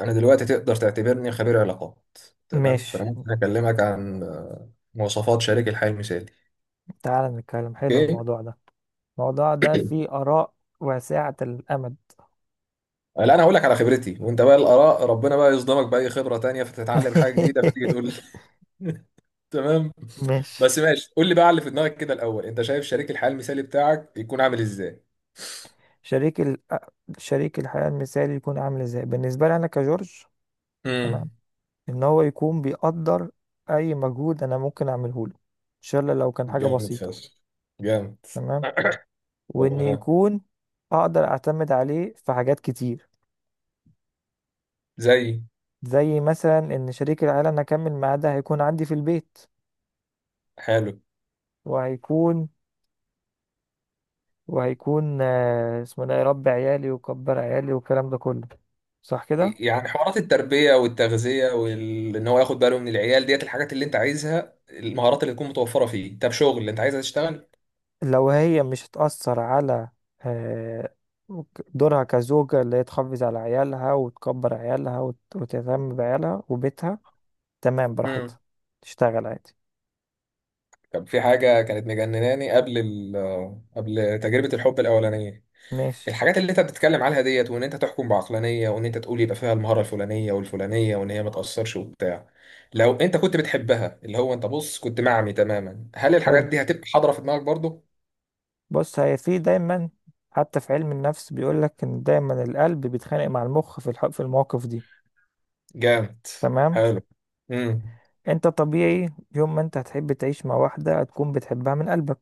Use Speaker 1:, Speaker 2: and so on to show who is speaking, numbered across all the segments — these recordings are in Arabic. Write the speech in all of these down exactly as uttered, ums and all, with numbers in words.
Speaker 1: انا دلوقتي تقدر تعتبرني خبير علاقات. تمام، فانا
Speaker 2: ماشي،
Speaker 1: ممكن اكلمك عن آه، مواصفات شريك الحياة المثالي.
Speaker 2: تعال نتكلم. حلو
Speaker 1: اوكي.
Speaker 2: الموضوع ده. الموضوع ده فيه آراء واسعة الأمد.
Speaker 1: آه، لا انا هقول لك على خبرتي، وانت بقى الاراء ربنا بقى يصدمك باي خبرة تانية فتتعلم حاجة جديدة فتيجي تقول لي. تمام.
Speaker 2: ماشي.
Speaker 1: بس ماشي قول لي بقى على اللي في دماغك كده الاول، انت شايف شريك الحياة المثالي بتاعك يكون عامل ازاي؟
Speaker 2: شريك ال... شريك الحياة المثالي يكون عامل ازاي بالنسبة لي أنا كجورج؟
Speaker 1: امم.
Speaker 2: تمام. إن هو يكون بيقدر أي مجهود أنا ممكن أعمله له، إن شاء الله لو كان حاجة
Speaker 1: جامد
Speaker 2: بسيطة.
Speaker 1: فشخ. جامد.
Speaker 2: تمام. وإن
Speaker 1: تمام.
Speaker 2: يكون أقدر أعتمد عليه في حاجات كتير،
Speaker 1: زي.
Speaker 2: زي مثلا إن شريك الحياة اللي أنا أكمل معاه ده هيكون عندي في البيت.
Speaker 1: حلو.
Speaker 2: وهيكون وهيكون آه، اسمه ده يربي عيالي ويكبر عيالي والكلام ده كله، صح كده؟
Speaker 1: يعني حوارات التربية والتغذية، وإن هو ياخد باله من العيال ديت، الحاجات اللي أنت عايزها، المهارات اللي تكون متوفرة فيه. طب شغل اللي أنت عايزها تشتغل.
Speaker 2: لو هي مش هتأثر على آه، دورها كزوجة، اللي هي تحافظ على عيالها وتكبر عيالها وت- وتهتم بعيالها وبيتها. تمام،
Speaker 1: امم.
Speaker 2: براحتها تشتغل عادي.
Speaker 1: طب في حاجة كانت مجنناني قبل ال قبل تجربة الحب الأولانية.
Speaker 2: ماشي.
Speaker 1: الحاجات اللي أنت بتتكلم عليها ديت، وإن أنت تحكم بعقلانية، وإن أنت تقول يبقى فيها المهارة الفلانية والفلانية، وإن هي ما تأثرش وبتاع. لو أنت كنت بتحبها، اللي هو أنت بص كنت معمي تماما، هل الحاجات
Speaker 2: حلو.
Speaker 1: دي هتبقى حاضرة في دماغك برضه؟
Speaker 2: بص، هي في دايما، حتى في علم النفس بيقولك ان دايما القلب بيتخانق مع المخ في الح- في المواقف دي.
Speaker 1: جامد.
Speaker 2: تمام.
Speaker 1: حلو. امم.
Speaker 2: انت طبيعي، يوم ما انت هتحب تعيش مع واحدة هتكون بتحبها من قلبك،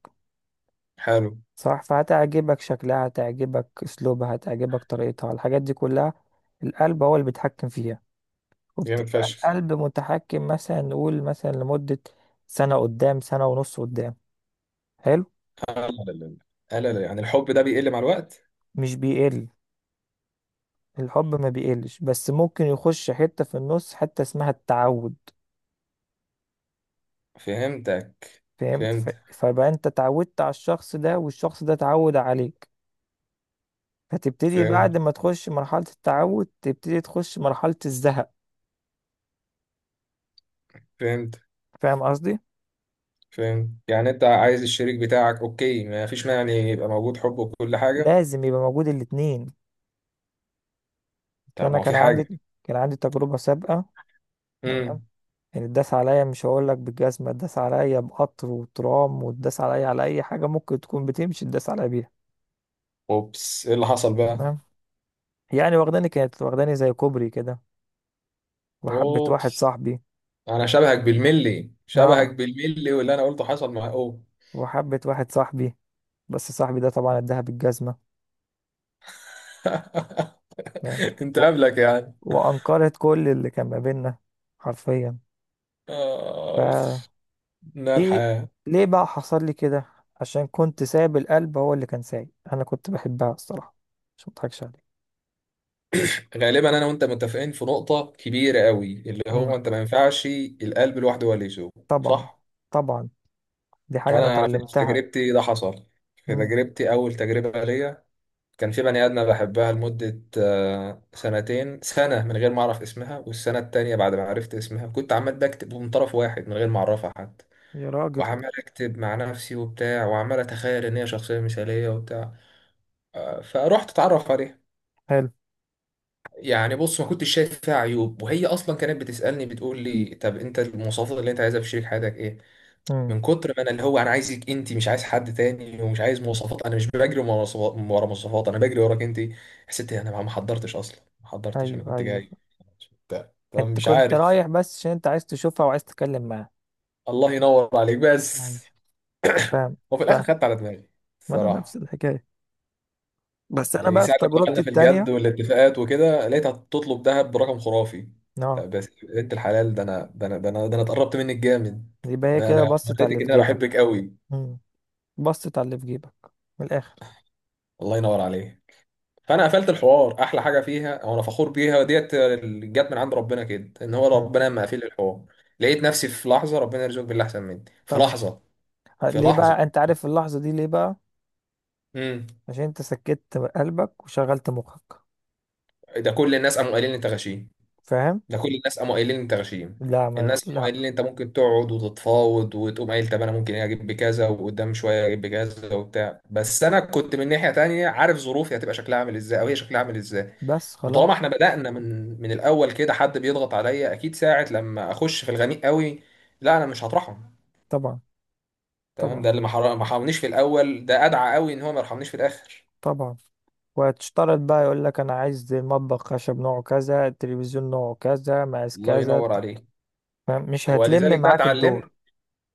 Speaker 1: حلو.
Speaker 2: صح؟ فهتعجبك شكلها، هتعجبك اسلوبها، هتعجبك طريقتها، الحاجات دي كلها القلب هو اللي بيتحكم فيها.
Speaker 1: جامد
Speaker 2: وبتبقى
Speaker 1: فشخ.
Speaker 2: القلب متحكم مثلا، نقول مثلا لمدة سنة قدام، سنة ونص قدام. حلو.
Speaker 1: لا لا لا. لا لا لا، يعني الحب ده بيقل مع الوقت؟
Speaker 2: مش بيقل، الحب ما بيقلش، بس ممكن يخش حتة في النص حتة اسمها التعود.
Speaker 1: فهمتك.
Speaker 2: فهمت، ف-
Speaker 1: فهمت.
Speaker 2: فبقى انت اتعودت على الشخص ده والشخص ده اتعود عليك. فتبتدي
Speaker 1: فهمت.
Speaker 2: بعد ما تخش مرحلة التعود تبتدي تخش مرحلة الزهق.
Speaker 1: فهمت.
Speaker 2: فاهم قصدي؟
Speaker 1: فهمت. يعني انت عايز الشريك بتاعك، اوكي، ما فيش مانع ان يبقى موجود حب وكل حاجه.
Speaker 2: لازم يبقى موجود الاتنين.
Speaker 1: طب
Speaker 2: انا
Speaker 1: ما هو
Speaker 2: كان
Speaker 1: في
Speaker 2: عندي
Speaker 1: حاجه.
Speaker 2: كان عندي تجربه سابقه. تمام.
Speaker 1: امم.
Speaker 2: يعني اتداس عليا، مش هقول لك بالجزمه، اتداس عليا بقطر وترام واتداس عليا على اي حاجه ممكن تكون بتمشي اتداس عليا بيها.
Speaker 1: اوبس، ايه اللي حصل بقى؟
Speaker 2: تمام. يعني واخداني، كانت واخداني زي كوبري كده، وحبه واحد
Speaker 1: اوبس.
Speaker 2: صاحبي.
Speaker 1: انا شبهك بالملي، شبهك
Speaker 2: اه.
Speaker 1: بالملي، واللي انا قلته حصل مع اوه.
Speaker 2: وحبه واحد صاحبي، بس صاحبي ده طبعا اداها بالجزمه. تمام.
Speaker 1: انت
Speaker 2: و...
Speaker 1: قبلك يعني.
Speaker 2: وانكرت كل اللي كان ما بيننا، حرفيا.
Speaker 1: آه. نار
Speaker 2: ايه،
Speaker 1: الحياه.
Speaker 2: ليه بقى حصل لي كده؟ عشان كنت سايب القلب هو اللي كان سايق، انا كنت بحبها الصراحه، مش مضحكش عليك.
Speaker 1: غالبا انا وانت متفقين في نقطة كبيرة قوي، اللي
Speaker 2: امم.
Speaker 1: هو انت ما ينفعش القلب لوحده هو اللي يسوق.
Speaker 2: طبعا.
Speaker 1: صح؟
Speaker 2: طبعا، دي
Speaker 1: انا
Speaker 2: حاجه انا
Speaker 1: على تمام، فكرة في
Speaker 2: اتعلمتها.
Speaker 1: تجربتي ده حصل. في
Speaker 2: امم.
Speaker 1: تجربتي اول تجربة ليا كان في بني ادمة بحبها لمدة آه، سنتين. سنة من غير ما اعرف اسمها، والسنة التانية بعد ما عرفت اسمها كنت عمال بكتب من طرف واحد من غير ما اعرفها حتى،
Speaker 2: يا راجل.
Speaker 1: وعمال اكتب مع نفسي وبتاع، وعمال اتخيل ان هي شخصية مثالية وبتاع. آه، فروحت اتعرف عليها.
Speaker 2: حلو.
Speaker 1: يعني بص ما كنتش شايف فيها عيوب، وهي اصلا كانت بتسالني، بتقول لي طب انت المواصفات اللي انت عايزها في شريك حياتك ايه؟
Speaker 2: امم.
Speaker 1: من كتر ما انا اللي هو انا عايزك انت، مش عايز حد تاني، ومش عايز مواصفات، انا مش بجري ورا مواصفات ورا مواصفات، انا بجري وراك انت. حسيت إيه؟ انا ما ما حضرتش اصلا، ما حضرتش، انا
Speaker 2: ايوه،
Speaker 1: كنت
Speaker 2: ايوه،
Speaker 1: جاي بتاع. طب
Speaker 2: انت
Speaker 1: مش
Speaker 2: كنت
Speaker 1: عارف.
Speaker 2: رايح بس عشان انت عايز تشوفها وعايز تتكلم معاها.
Speaker 1: الله ينور عليك بس.
Speaker 2: ماشي. فاهم.
Speaker 1: وفي الاخر
Speaker 2: فاهم،
Speaker 1: خدت على دماغي
Speaker 2: ما انا نفس
Speaker 1: الصراحه.
Speaker 2: الحكايه، بس انا
Speaker 1: يعني
Speaker 2: بقى في
Speaker 1: ساعة لما
Speaker 2: تجربتي
Speaker 1: دخلنا في الجد
Speaker 2: التانية.
Speaker 1: والاتفاقات وكده، لقيتها تطلب ذهب برقم خرافي.
Speaker 2: اه،
Speaker 1: طب بس يا بنت الحلال، ده انا، ده انا، ده انا، ده انا اتقربت منك جامد،
Speaker 2: يبقى هي
Speaker 1: ده انا
Speaker 2: كده بصت على
Speaker 1: وريتك
Speaker 2: اللي في
Speaker 1: ان انا
Speaker 2: جيبك.
Speaker 1: بحبك قوي.
Speaker 2: امم. بصت على اللي في جيبك من الاخر.
Speaker 1: الله ينور عليه. فانا قفلت الحوار. احلى حاجه فيها، او انا فخور بيها، ديت اللي جت من عند ربنا كده، ان هو
Speaker 2: امم.
Speaker 1: ربنا لما قفل الحوار لقيت نفسي في لحظه، ربنا يرزقك باللي احسن مني في
Speaker 2: طبعا.
Speaker 1: لحظه،
Speaker 2: ه-
Speaker 1: في
Speaker 2: ليه
Speaker 1: لحظه.
Speaker 2: بقى، انت عارف اللحظة دي ليه بقى؟
Speaker 1: امم.
Speaker 2: عشان انت سكت قلبك وشغلت مخك.
Speaker 1: ده كل الناس قاموا قايلين لي انت غشيم،
Speaker 2: فاهم.
Speaker 1: ده كل الناس قاموا قايلين انت غشيم.
Speaker 2: لا، ما
Speaker 1: الناس قاموا
Speaker 2: لا.
Speaker 1: قايلين انت ممكن تقعد وتتفاوض، وتقوم قايل طب انا ممكن إيه اجيب بكذا، وقدام شويه اجيب بكذا وبتاع، بس انا كنت من ناحيه تانية عارف ظروفي هتبقى شكلها عامل ازاي، او هي شكلها عامل ازاي.
Speaker 2: بس
Speaker 1: وطالما
Speaker 2: خلاص.
Speaker 1: احنا بدأنا من من الاول كده حد بيضغط عليا، اكيد ساعه لما اخش في الغميق قوي لا انا مش هطرحهم.
Speaker 2: طبعا.
Speaker 1: تمام. ده
Speaker 2: طبعا.
Speaker 1: اللي ما حر- ما حرمنيش في الاول، ده ادعى قوي ان هو ما يرحمنيش في الاخر.
Speaker 2: طبعا. وهتشترط بقى، يقول لك انا عايز المطبخ خشب نوعه كذا، التلفزيون نوعه كذا، مقاس
Speaker 1: الله
Speaker 2: كذا،
Speaker 1: ينور
Speaker 2: ت-
Speaker 1: عليك.
Speaker 2: فاهم؟ مش هتلم
Speaker 1: ولذلك بقى
Speaker 2: معاك الدور.
Speaker 1: اتعلمت.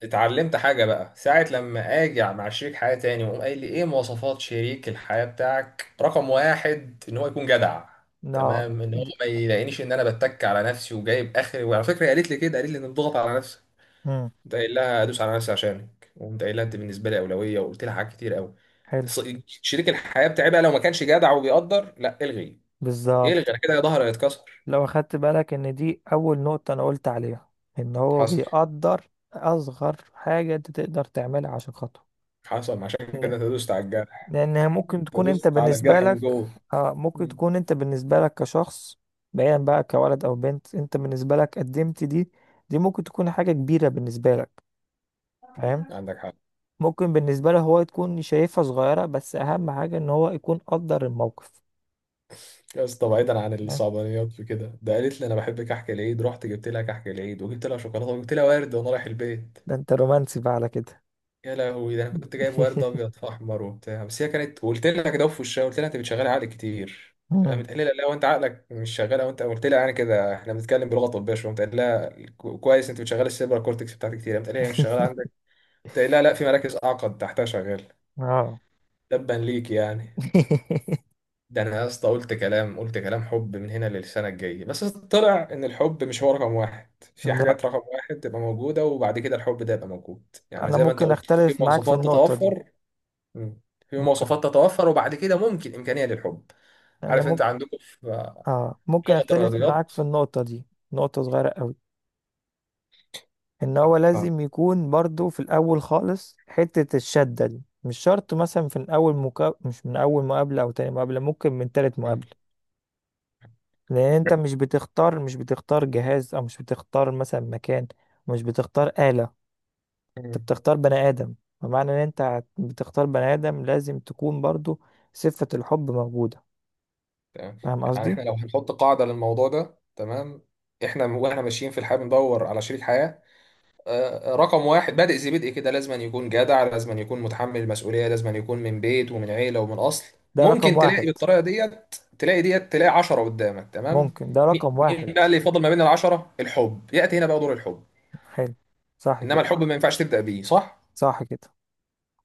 Speaker 1: اتعلمت حاجة بقى، ساعة لما اجي مع شريك حياة تاني، وقوم قايل لي ايه مواصفات شريك الحياة بتاعك، رقم واحد ان هو يكون جدع.
Speaker 2: لا
Speaker 1: تمام، ان هو
Speaker 2: دي...
Speaker 1: ما يلاقينيش ان انا بتك على نفسي وجايب اخري. وعلى فكرة هي قالت لي كده، قالت لي ان تضغط على نفسك،
Speaker 2: مم.
Speaker 1: قمت قايل لها ادوس على نفسي عشانك، وقمت قايل لها انت بالنسبة لي اولوية، وقلت لها حاجات كتير قوي.
Speaker 2: حلو.
Speaker 1: ص- شريك الحياة بتاعي بقى لو ما كانش جدع وبيقدر، لا الغي، الغي،
Speaker 2: بالظبط.
Speaker 1: انا كده ظهري هيتكسر.
Speaker 2: لو اخدت بالك ان دي اول نقطة انا قلت عليها، ان هو
Speaker 1: حصل.
Speaker 2: بيقدر اصغر حاجة انت تقدر تعملها عشان خاطره.
Speaker 1: حصل، عشان كده تدوست على الجرح،
Speaker 2: لأنها ممكن تكون أنت
Speaker 1: تدوست على
Speaker 2: بالنسبة
Speaker 1: الجرح
Speaker 2: لك،
Speaker 1: من جوه.
Speaker 2: آه، ممكن
Speaker 1: مم.
Speaker 2: تكون أنت بالنسبة لك كشخص، بعيدا بقى كولد أو بنت، أنت بالنسبة لك قدمت دي، دي ممكن تكون حاجة كبيرة بالنسبة لك. فاهم؟
Speaker 1: عندك حق.
Speaker 2: ممكن بالنسبة له هو تكون شايفها صغيرة، بس أهم حاجة إن هو يكون قدر الموقف.
Speaker 1: يا اسطى، بعيدا عن
Speaker 2: آه،
Speaker 1: الصعبانيات في كده، ده قالت لي انا بحب كحك العيد، رحت جبت لها كحك العيد، وجبت لها شوكولاته، وجبت لها ورد، وانا رايح البيت.
Speaker 2: ده أنت رومانسي بقى على كده.
Speaker 1: يا لهوي، ده انا كنت جايب ورد ابيض في احمر وبتاع. بس هي كانت، قلت لها كده في وشها، قلت لها انت بتشغلي عقلك كتير،
Speaker 2: مم.
Speaker 1: قامت قايله لي لا وانت عقلك مش شغال، وانت قلت لها، يعني كده احنا بنتكلم بلغه طبيه شويه، قلت لها كو- كويس انت بتشغلي السيبرا كورتكس بتاعتك كتير، قامت قايله لي هي مش شغاله عندك، قلت لها لا، في مراكز اعقد تحتها شغاله،
Speaker 2: اه.
Speaker 1: تبا ليك يعني. ده انا يا اسطى قلت كلام، قلت كلام حب من هنا للسنه الجايه، بس طلع ان الحب مش هو رقم واحد. في
Speaker 2: لا،
Speaker 1: حاجات رقم واحد تبقى موجوده، وبعد كده الحب ده يبقى موجود. يعني
Speaker 2: أنا
Speaker 1: زي ما انت
Speaker 2: ممكن
Speaker 1: قلت، في
Speaker 2: أختلف معاك في
Speaker 1: مواصفات
Speaker 2: النقطة دي.
Speaker 1: تتوفر. مم. في
Speaker 2: ممكن.
Speaker 1: مواصفات تتوفر وبعد كده ممكن امكانيه للحب.
Speaker 2: أنا
Speaker 1: عارف انت
Speaker 2: ممكن،
Speaker 1: عندكم في
Speaker 2: آه، ممكن
Speaker 1: لغه
Speaker 2: أختلف معاك
Speaker 1: الرياضيات.
Speaker 2: في النقطة دي. نقطة صغيرة أوي، ان هو
Speaker 1: آه.
Speaker 2: لازم يكون برضو في الاول خالص حتة الشدة دي، مش شرط مثلا في اول مكا... مش من اول مقابلة او تاني مقابلة، ممكن من تالت
Speaker 1: مم.
Speaker 2: مقابلة. لان انت مش بتختار، مش بتختار جهاز، او مش بتختار مثلا مكان، مش بتختار آلة، انت
Speaker 1: مم.
Speaker 2: بتختار بني ادم. فمعنى ان انت هت- بتختار بني ادم، لازم تكون برضو صفة الحب موجودة.
Speaker 1: تمام،
Speaker 2: فاهم
Speaker 1: يعني
Speaker 2: قصدي؟
Speaker 1: احنا لو هنحط قاعده للموضوع ده. تمام، احنا واحنا ماشيين في الحياه بندور على شريك حياه. آه، رقم واحد، بادئ ذي بدء كده، لازم أن يكون جدع، لازم أن يكون متحمل المسؤولية، لازم أن يكون من بيت ومن عيلة ومن أصل.
Speaker 2: ده رقم
Speaker 1: ممكن تلاقي
Speaker 2: واحد،
Speaker 1: بالطريقة ديت تلاقي ديت، تلاقي عشرة قدامك. تمام،
Speaker 2: ممكن ده
Speaker 1: مي-
Speaker 2: رقم
Speaker 1: مين
Speaker 2: واحد.
Speaker 1: بقى اللي يفضل ما بين العشرة؟ الحب يأتي هنا بقى دور الحب.
Speaker 2: حلو. صح
Speaker 1: إنما
Speaker 2: كده.
Speaker 1: الحب ما ينفعش تبدأ بيه. صح،
Speaker 2: صح كده،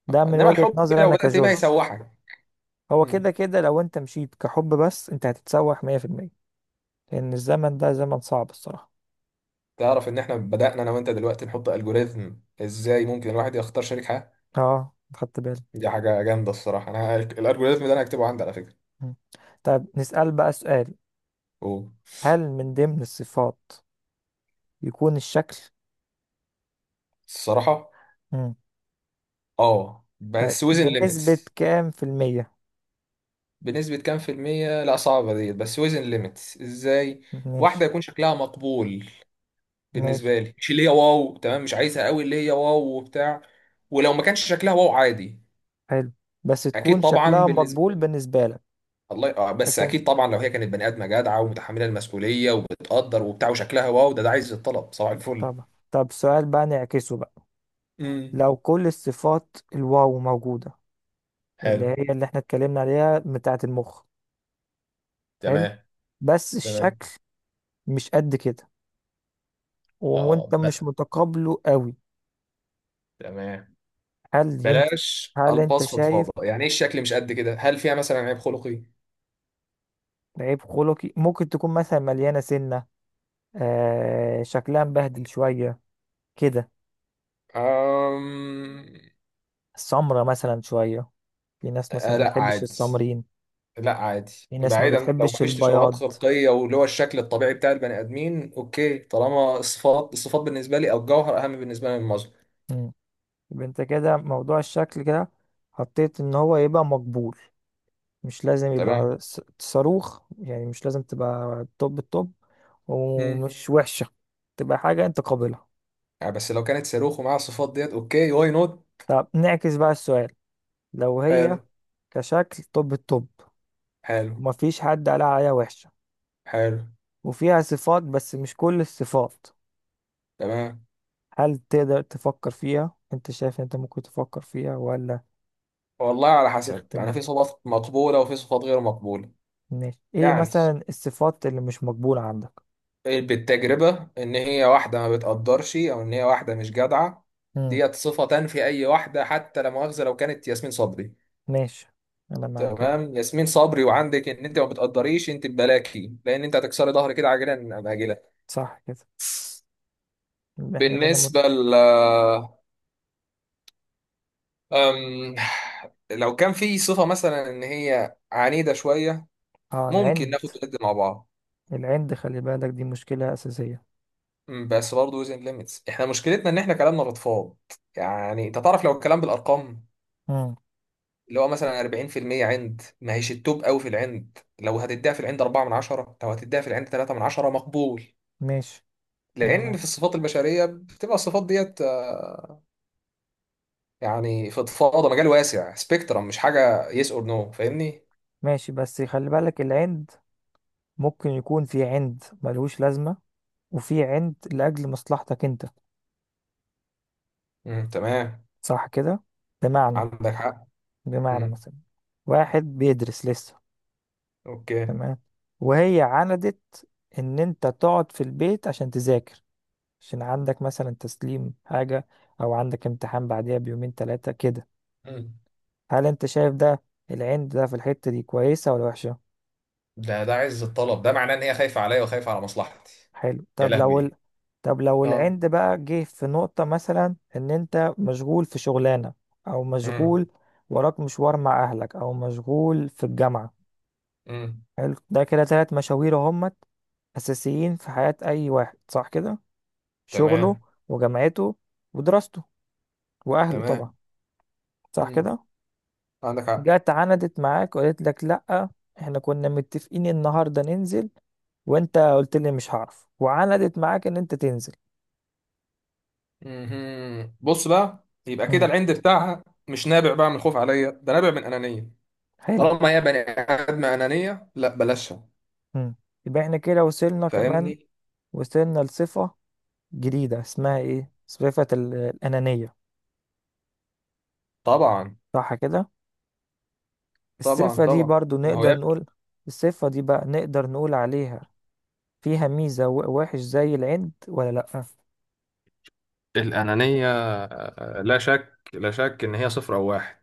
Speaker 2: ده من
Speaker 1: إنما
Speaker 2: وجهة
Speaker 1: الحب
Speaker 2: نظري
Speaker 1: لو
Speaker 2: انا
Speaker 1: بدأت بيه
Speaker 2: كجورج.
Speaker 1: هيسوحك.
Speaker 2: هو كده
Speaker 1: مم.
Speaker 2: كده لو انت مشيت كحب بس، انت هتتسوح مية في المية. لان الزمن ده زمن صعب الصراحة.
Speaker 1: تعرف إن إحنا بدأنا أنا وأنت دلوقتي نحط ألجوريزم إزاي ممكن الواحد يختار شريك حياة.
Speaker 2: اه، خدت بالي.
Speaker 1: دي حاجة جامدة الصراحة. أنا ه- الألجوريزم ده أنا هكتبه عندي على فكرة.
Speaker 2: مم. طيب نسأل بقى سؤال،
Speaker 1: أوه.
Speaker 2: هل من ضمن الصفات يكون الشكل؟
Speaker 1: الصراحة،
Speaker 2: مم.
Speaker 1: اه
Speaker 2: طيب
Speaker 1: بس وزن
Speaker 2: بنسبة
Speaker 1: ليميتس.
Speaker 2: كام في المية؟
Speaker 1: بنسبة كام في المية؟ لا صعبة ديت، بس وزن ليميتس ازاي.
Speaker 2: ماشي.
Speaker 1: واحدة يكون شكلها مقبول
Speaker 2: ماشي.
Speaker 1: بالنسبة لي، مش اللي هي واو. تمام، مش عايزها قوي اللي هي واو وبتاع، ولو ما كانش شكلها واو عادي.
Speaker 2: حلو. بس
Speaker 1: اكيد
Speaker 2: تكون
Speaker 1: طبعا
Speaker 2: شكلها
Speaker 1: بالنسبة،
Speaker 2: مقبول بالنسبة لك.
Speaker 1: الله آه بس
Speaker 2: لكن،
Speaker 1: اكيد طبعا لو هي كانت بني ادمة جدعة ومتحملة المسؤولية وبتقدر وبتاع وشكلها واو، ده ده عايز الطلب، صباح الفل.
Speaker 2: طبعا. طب سؤال بقى نعكسه بقى،
Speaker 1: امم.
Speaker 2: لو كل الصفات الواو موجودة، اللي
Speaker 1: حلو.
Speaker 2: هي اللي احنا اتكلمنا عليها بتاعة المخ، حلو،
Speaker 1: تمام.
Speaker 2: بس
Speaker 1: تمام.
Speaker 2: الشكل مش قد كده،
Speaker 1: اه
Speaker 2: وانت مش
Speaker 1: بقى.
Speaker 2: متقابله قوي،
Speaker 1: تمام.
Speaker 2: هل ينفع؟
Speaker 1: بلاش
Speaker 2: هل انت
Speaker 1: الفاظ
Speaker 2: شايف؟
Speaker 1: فضفاضه، يعني ايه الشكل مش قد كده؟ هل فيها مثلا عيب خلقي؟
Speaker 2: عيب خلقي ممكن تكون مثلا مليانة سنة، آه، شكلها مبهدل شوية كده،
Speaker 1: أم...
Speaker 2: السمرة مثلا شوية، في ناس مثلا
Speaker 1: آه
Speaker 2: ما
Speaker 1: لا
Speaker 2: بتحبش
Speaker 1: عادي.
Speaker 2: السمرين،
Speaker 1: لا عادي،
Speaker 2: في ناس ما
Speaker 1: بعيدا لو
Speaker 2: بتحبش
Speaker 1: مفيش تشوهات
Speaker 2: البياض.
Speaker 1: خلقيه، واللي هو الشكل الطبيعي بتاع البني ادمين، اوكي. طالما الصفات، الصفات بالنسبه لي، او الجوهر اهم بالنسبه لي من المظهر.
Speaker 2: مم. يبقى انت كده موضوع الشكل كده حطيت ان هو يبقى مقبول، مش لازم
Speaker 1: تمام.
Speaker 2: يبقى س- صاروخ، يعني مش لازم تبقى توب التوب،
Speaker 1: امم.
Speaker 2: ومش وحشة، تبقى حاجة انت قابلها.
Speaker 1: آه بس لو كانت صاروخ ومعاها الصفات ديت، اوكي واي نوت.
Speaker 2: طب نعكس بقى السؤال، لو
Speaker 1: حلو.
Speaker 2: هي كشكل طب الطب،
Speaker 1: حلو.
Speaker 2: ومفيش حد قال عليها وحشة،
Speaker 1: حلو.
Speaker 2: وفيها صفات بس مش كل الصفات،
Speaker 1: تمام.
Speaker 2: هل تقدر تفكر فيها؟ انت شايف انت ممكن تفكر فيها ولا؟
Speaker 1: والله على حسب، يعني
Speaker 2: تختن.
Speaker 1: في صفات مقبوله وفي صفات غير مقبوله.
Speaker 2: ماشي، ايه
Speaker 1: يعني
Speaker 2: مثلا الصفات اللي مش مقبولة عندك؟
Speaker 1: بالتجربة إن هي واحدة ما بتقدرش، أو إن هي واحدة مش جدعة،
Speaker 2: امم.
Speaker 1: ديت صفة تنفي أي واحدة، حتى لا مؤاخذة لو كانت ياسمين صبري.
Speaker 2: ماشي. انا معاك. ايه،
Speaker 1: تمام، ياسمين صبري وعندك إن أنت ما بتقدريش أنت، ببلاكي، لأن أنت هتكسري ظهري كده عاجلا أم آجلا.
Speaker 2: صح كده. يبقى احنا كده مت...
Speaker 1: بالنسبة ل أم... لو كان في صفة مثلا إن هي عنيدة شوية،
Speaker 2: اه،
Speaker 1: ممكن
Speaker 2: العند.
Speaker 1: ناخد وندي مع بعض.
Speaker 2: العند خلي بالك دي مشكلة أساسية.
Speaker 1: أم، بس برضه وزن ليميتس، إحنا مشكلتنا إن إحنا كلامنا بتفاض. يعني أنت تعرف لو الكلام بالأرقام،
Speaker 2: امم.
Speaker 1: اللي هو مثلا اربعين في المية عند، ما هيش التوب قوي في العند. لو هتديها في العند اربعة من عشرة، لو هتديها في العند تلاتة من عشرة، مقبول.
Speaker 2: ماشي. انا
Speaker 1: لان
Speaker 2: معاك.
Speaker 1: في الصفات البشريه بتبقى الصفات ديت آه، يعني فضفاضه، مجال واسع، سبيكترم، مش حاجه يس اور نو. فاهمني.
Speaker 2: ماشي، بس خلي بالك، العند ممكن يكون في عند ملهوش لازمة، وفي عند لأجل مصلحتك أنت.
Speaker 1: امم. تمام.
Speaker 2: صح كده؟ بمعنى،
Speaker 1: عندك حق.
Speaker 2: بمعنى
Speaker 1: امم.
Speaker 2: مثلا واحد بيدرس لسه،
Speaker 1: اوكي.
Speaker 2: تمام، وهي عندت إن أنت تقعد في البيت عشان تذاكر، عشان عندك مثلا تسليم حاجة، أو عندك امتحان بعديها بيومين تلاتة كده.
Speaker 1: مم.
Speaker 2: هل أنت شايف ده العند ده في الحتة دي كويسة ولا وحشة؟
Speaker 1: ده ده عز الطلب، ده معناه ان هي خايفه عليا وخايفه على مصلحتي.
Speaker 2: حلو.
Speaker 1: يا
Speaker 2: طب لو.
Speaker 1: لهوي.
Speaker 2: طب لو
Speaker 1: اه.
Speaker 2: العند بقى جه في نقطة، مثلا ان انت مشغول في شغلانة، او
Speaker 1: امم.
Speaker 2: مشغول وراك مشوار مع اهلك، او مشغول في الجامعة.
Speaker 1: امم.
Speaker 2: حلو، ده كده تلات مشاوير همت اساسيين في حياة اي واحد، صح كده؟ شغله،
Speaker 1: تمام.
Speaker 2: وجامعته، ودراسته، واهله طبعا،
Speaker 1: تمام.
Speaker 2: صح
Speaker 1: امم.
Speaker 2: كده.
Speaker 1: عندك حق.
Speaker 2: جت عندت معاك وقالت لك لا، احنا كنا متفقين النهاردة ننزل، وانت قلت لي مش هعرف، وعندت معاك ان انت تنزل.
Speaker 1: مهم. بص بقى، يبقى كده
Speaker 2: امم.
Speaker 1: العند بتاعها مش نابع بقى من خوف عليا، ده نابع من أنانية.
Speaker 2: حلو.
Speaker 1: طالما هي بني آدم أنانية، لا بلاشها.
Speaker 2: مم. يبقى احنا كده وصلنا كمان،
Speaker 1: فاهمني.
Speaker 2: وصلنا لصفة جديدة اسمها ايه؟ صفة ال- الأنانية.
Speaker 1: طبعا
Speaker 2: صح كده؟
Speaker 1: طبعا
Speaker 2: الصفة دي
Speaker 1: طبعا.
Speaker 2: برضو
Speaker 1: ما هو يا
Speaker 2: نقدر
Speaker 1: ابني.
Speaker 2: نقول، الصفة دي بقى نقدر نقول عليها فيها ميزة و- وحش زي العند ولا لأ؟
Speaker 1: الأنانية آه، لا شك، لا شك إن هي صفر أو واحد.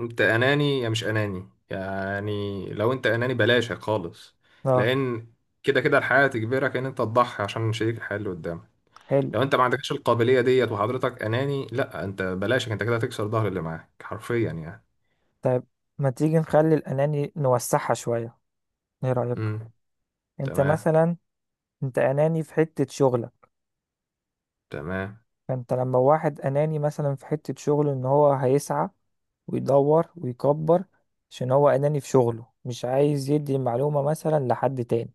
Speaker 1: أنت أناني يا مش أناني، يعني لو أنت أناني بلاشك خالص.
Speaker 2: اه.
Speaker 1: لأن كده كده الحياة تجبرك إن أنت تضحي عشان شريك الحياة اللي قدامك.
Speaker 2: حلو.
Speaker 1: لو انت ما عندكش القابليه ديت وحضرتك اناني، لا انت بلاشك، انت كده هتكسر ظهر اللي معاك حرفيا يعني.
Speaker 2: طيب ما تيجي نخلي الأناني نوسعها شوية، ايه رأيك؟
Speaker 1: امم.
Speaker 2: انت
Speaker 1: تمام.
Speaker 2: مثلا، انت أناني في حتة شغلك.
Speaker 1: تمام.
Speaker 2: فانت، لما واحد أناني مثلا في حتة شغله، ان هو هيسعى ويدور ويكبر، عشان هو أناني في شغله مش عايز يدي المعلومة مثلا لحد تاني،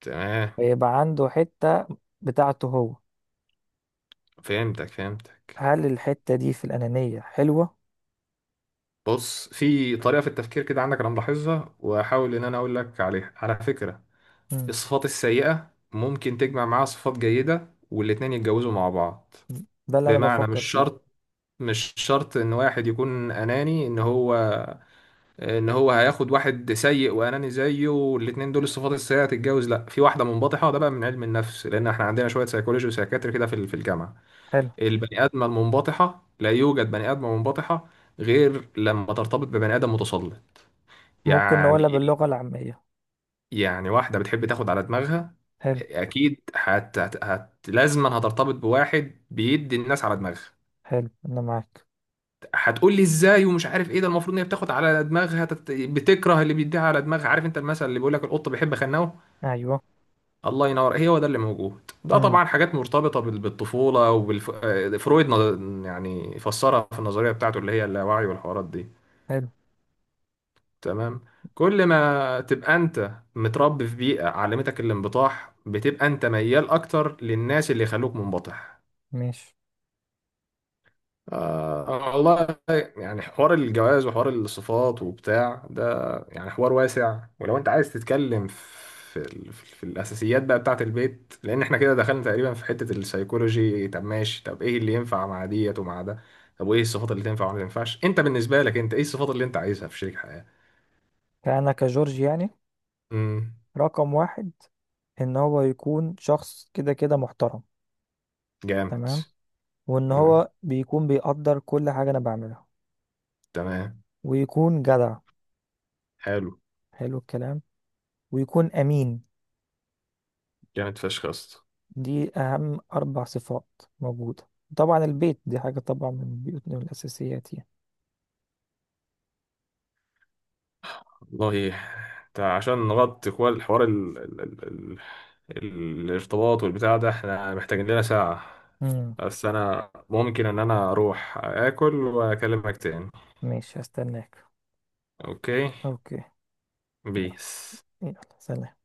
Speaker 1: تمام.
Speaker 2: ويبقى عنده حتة بتاعته هو.
Speaker 1: فهمتك. فهمتك.
Speaker 2: هل الحتة دي في الأنانية حلوة؟
Speaker 1: بص في طريقه في التفكير كده عندك، انا ملاحظها واحاول ان انا اقول لك عليها على فكره.
Speaker 2: مم.
Speaker 1: الصفات السيئه ممكن تجمع معاها صفات جيده، والاتنين يتجوزوا مع بعض.
Speaker 2: ده اللي أنا
Speaker 1: بمعنى مش
Speaker 2: بفكر فيه.
Speaker 1: شرط، مش شرط ان واحد يكون اناني ان هو، ان هو هياخد واحد سيء واناني زيه، والاتنين دول الصفات السيئه هتتجوز. لا، في واحده منبطحه، ده بقى من علم النفس، لان احنا عندنا شويه سيكولوجي وسيكاتري كده في ال- في الجامعه.
Speaker 2: حلو.
Speaker 1: البني ادمه المنبطحه، لا يوجد بني ادمه منبطحه غير لما ترتبط ببني ادم متسلط.
Speaker 2: ممكن
Speaker 1: يعني.
Speaker 2: نقولها باللغة العامية.
Speaker 1: يعني واحده بتحب تاخد على دماغها،
Speaker 2: حلو.
Speaker 1: اكيد هت هت هت لازما هترتبط بواحد بيدي الناس على دماغها.
Speaker 2: حلو، أنا معاك.
Speaker 1: هتقول لي ازاي ومش عارف ايه، ده المفروض ان هي بتاخد على دماغها تت- بتكره اللي بيديها على دماغها. عارف انت المثل اللي بيقول لك القط بيحب خناوه.
Speaker 2: أيوه.
Speaker 1: الله ينور، هي هو ده اللي موجود. ده
Speaker 2: مم.
Speaker 1: طبعا حاجات مرتبطة بال- بالطفولة وبالفرويد. يعني فسرها في النظرية بتاعته اللي هي اللاوعي والحوارات دي.
Speaker 2: حلو.
Speaker 1: تمام. كل ما تبقى انت متربي في بيئة علمتك الانبطاح، بتبقى انت ميال اكتر للناس اللي يخلوك منبطح.
Speaker 2: ماشي.
Speaker 1: آه والله. يعني حوار الجواز وحوار الصفات وبتاع ده، يعني حوار واسع. ولو انت عايز تتكلم في ال- في الاساسيات بقى بتاعه البيت، لان احنا كده دخلنا تقريبا في حتة السيكولوجي. طب ماشي، طب ايه اللي ينفع مع ديت ومع ده؟ طب وايه الصفات اللي تنفع وما تنفعش؟ انت بالنسبة لك، انت ايه الصفات اللي انت عايزها في شريك حياة؟
Speaker 2: فأنا كجورج يعني،
Speaker 1: امم.
Speaker 2: رقم واحد، إن هو يكون شخص كده كده محترم.
Speaker 1: جامد.
Speaker 2: تمام. وإن
Speaker 1: امم.
Speaker 2: هو بيكون بيقدر كل حاجة أنا بعملها.
Speaker 1: تمام.
Speaker 2: ويكون جدع.
Speaker 1: حلو.
Speaker 2: حلو الكلام. ويكون أمين.
Speaker 1: جامد فشخ يا اسطى.
Speaker 2: دي أهم أربع صفات موجودة. طبعا البيت دي حاجة طبعا، من بيوتنا من الأساسيات يعني.
Speaker 1: والله. انت عشان نغطي كل الحوار ال... ال... ال... ال... الارتباط والبتاع ده، احنا محتاجين لنا ساعة.
Speaker 2: مم.
Speaker 1: بس انا ممكن ان انا اروح اكل واكلمك تاني.
Speaker 2: ماشي، هستناك.
Speaker 1: اوكي.
Speaker 2: أوكي. يلا،
Speaker 1: بيس.
Speaker 2: يلا سلام.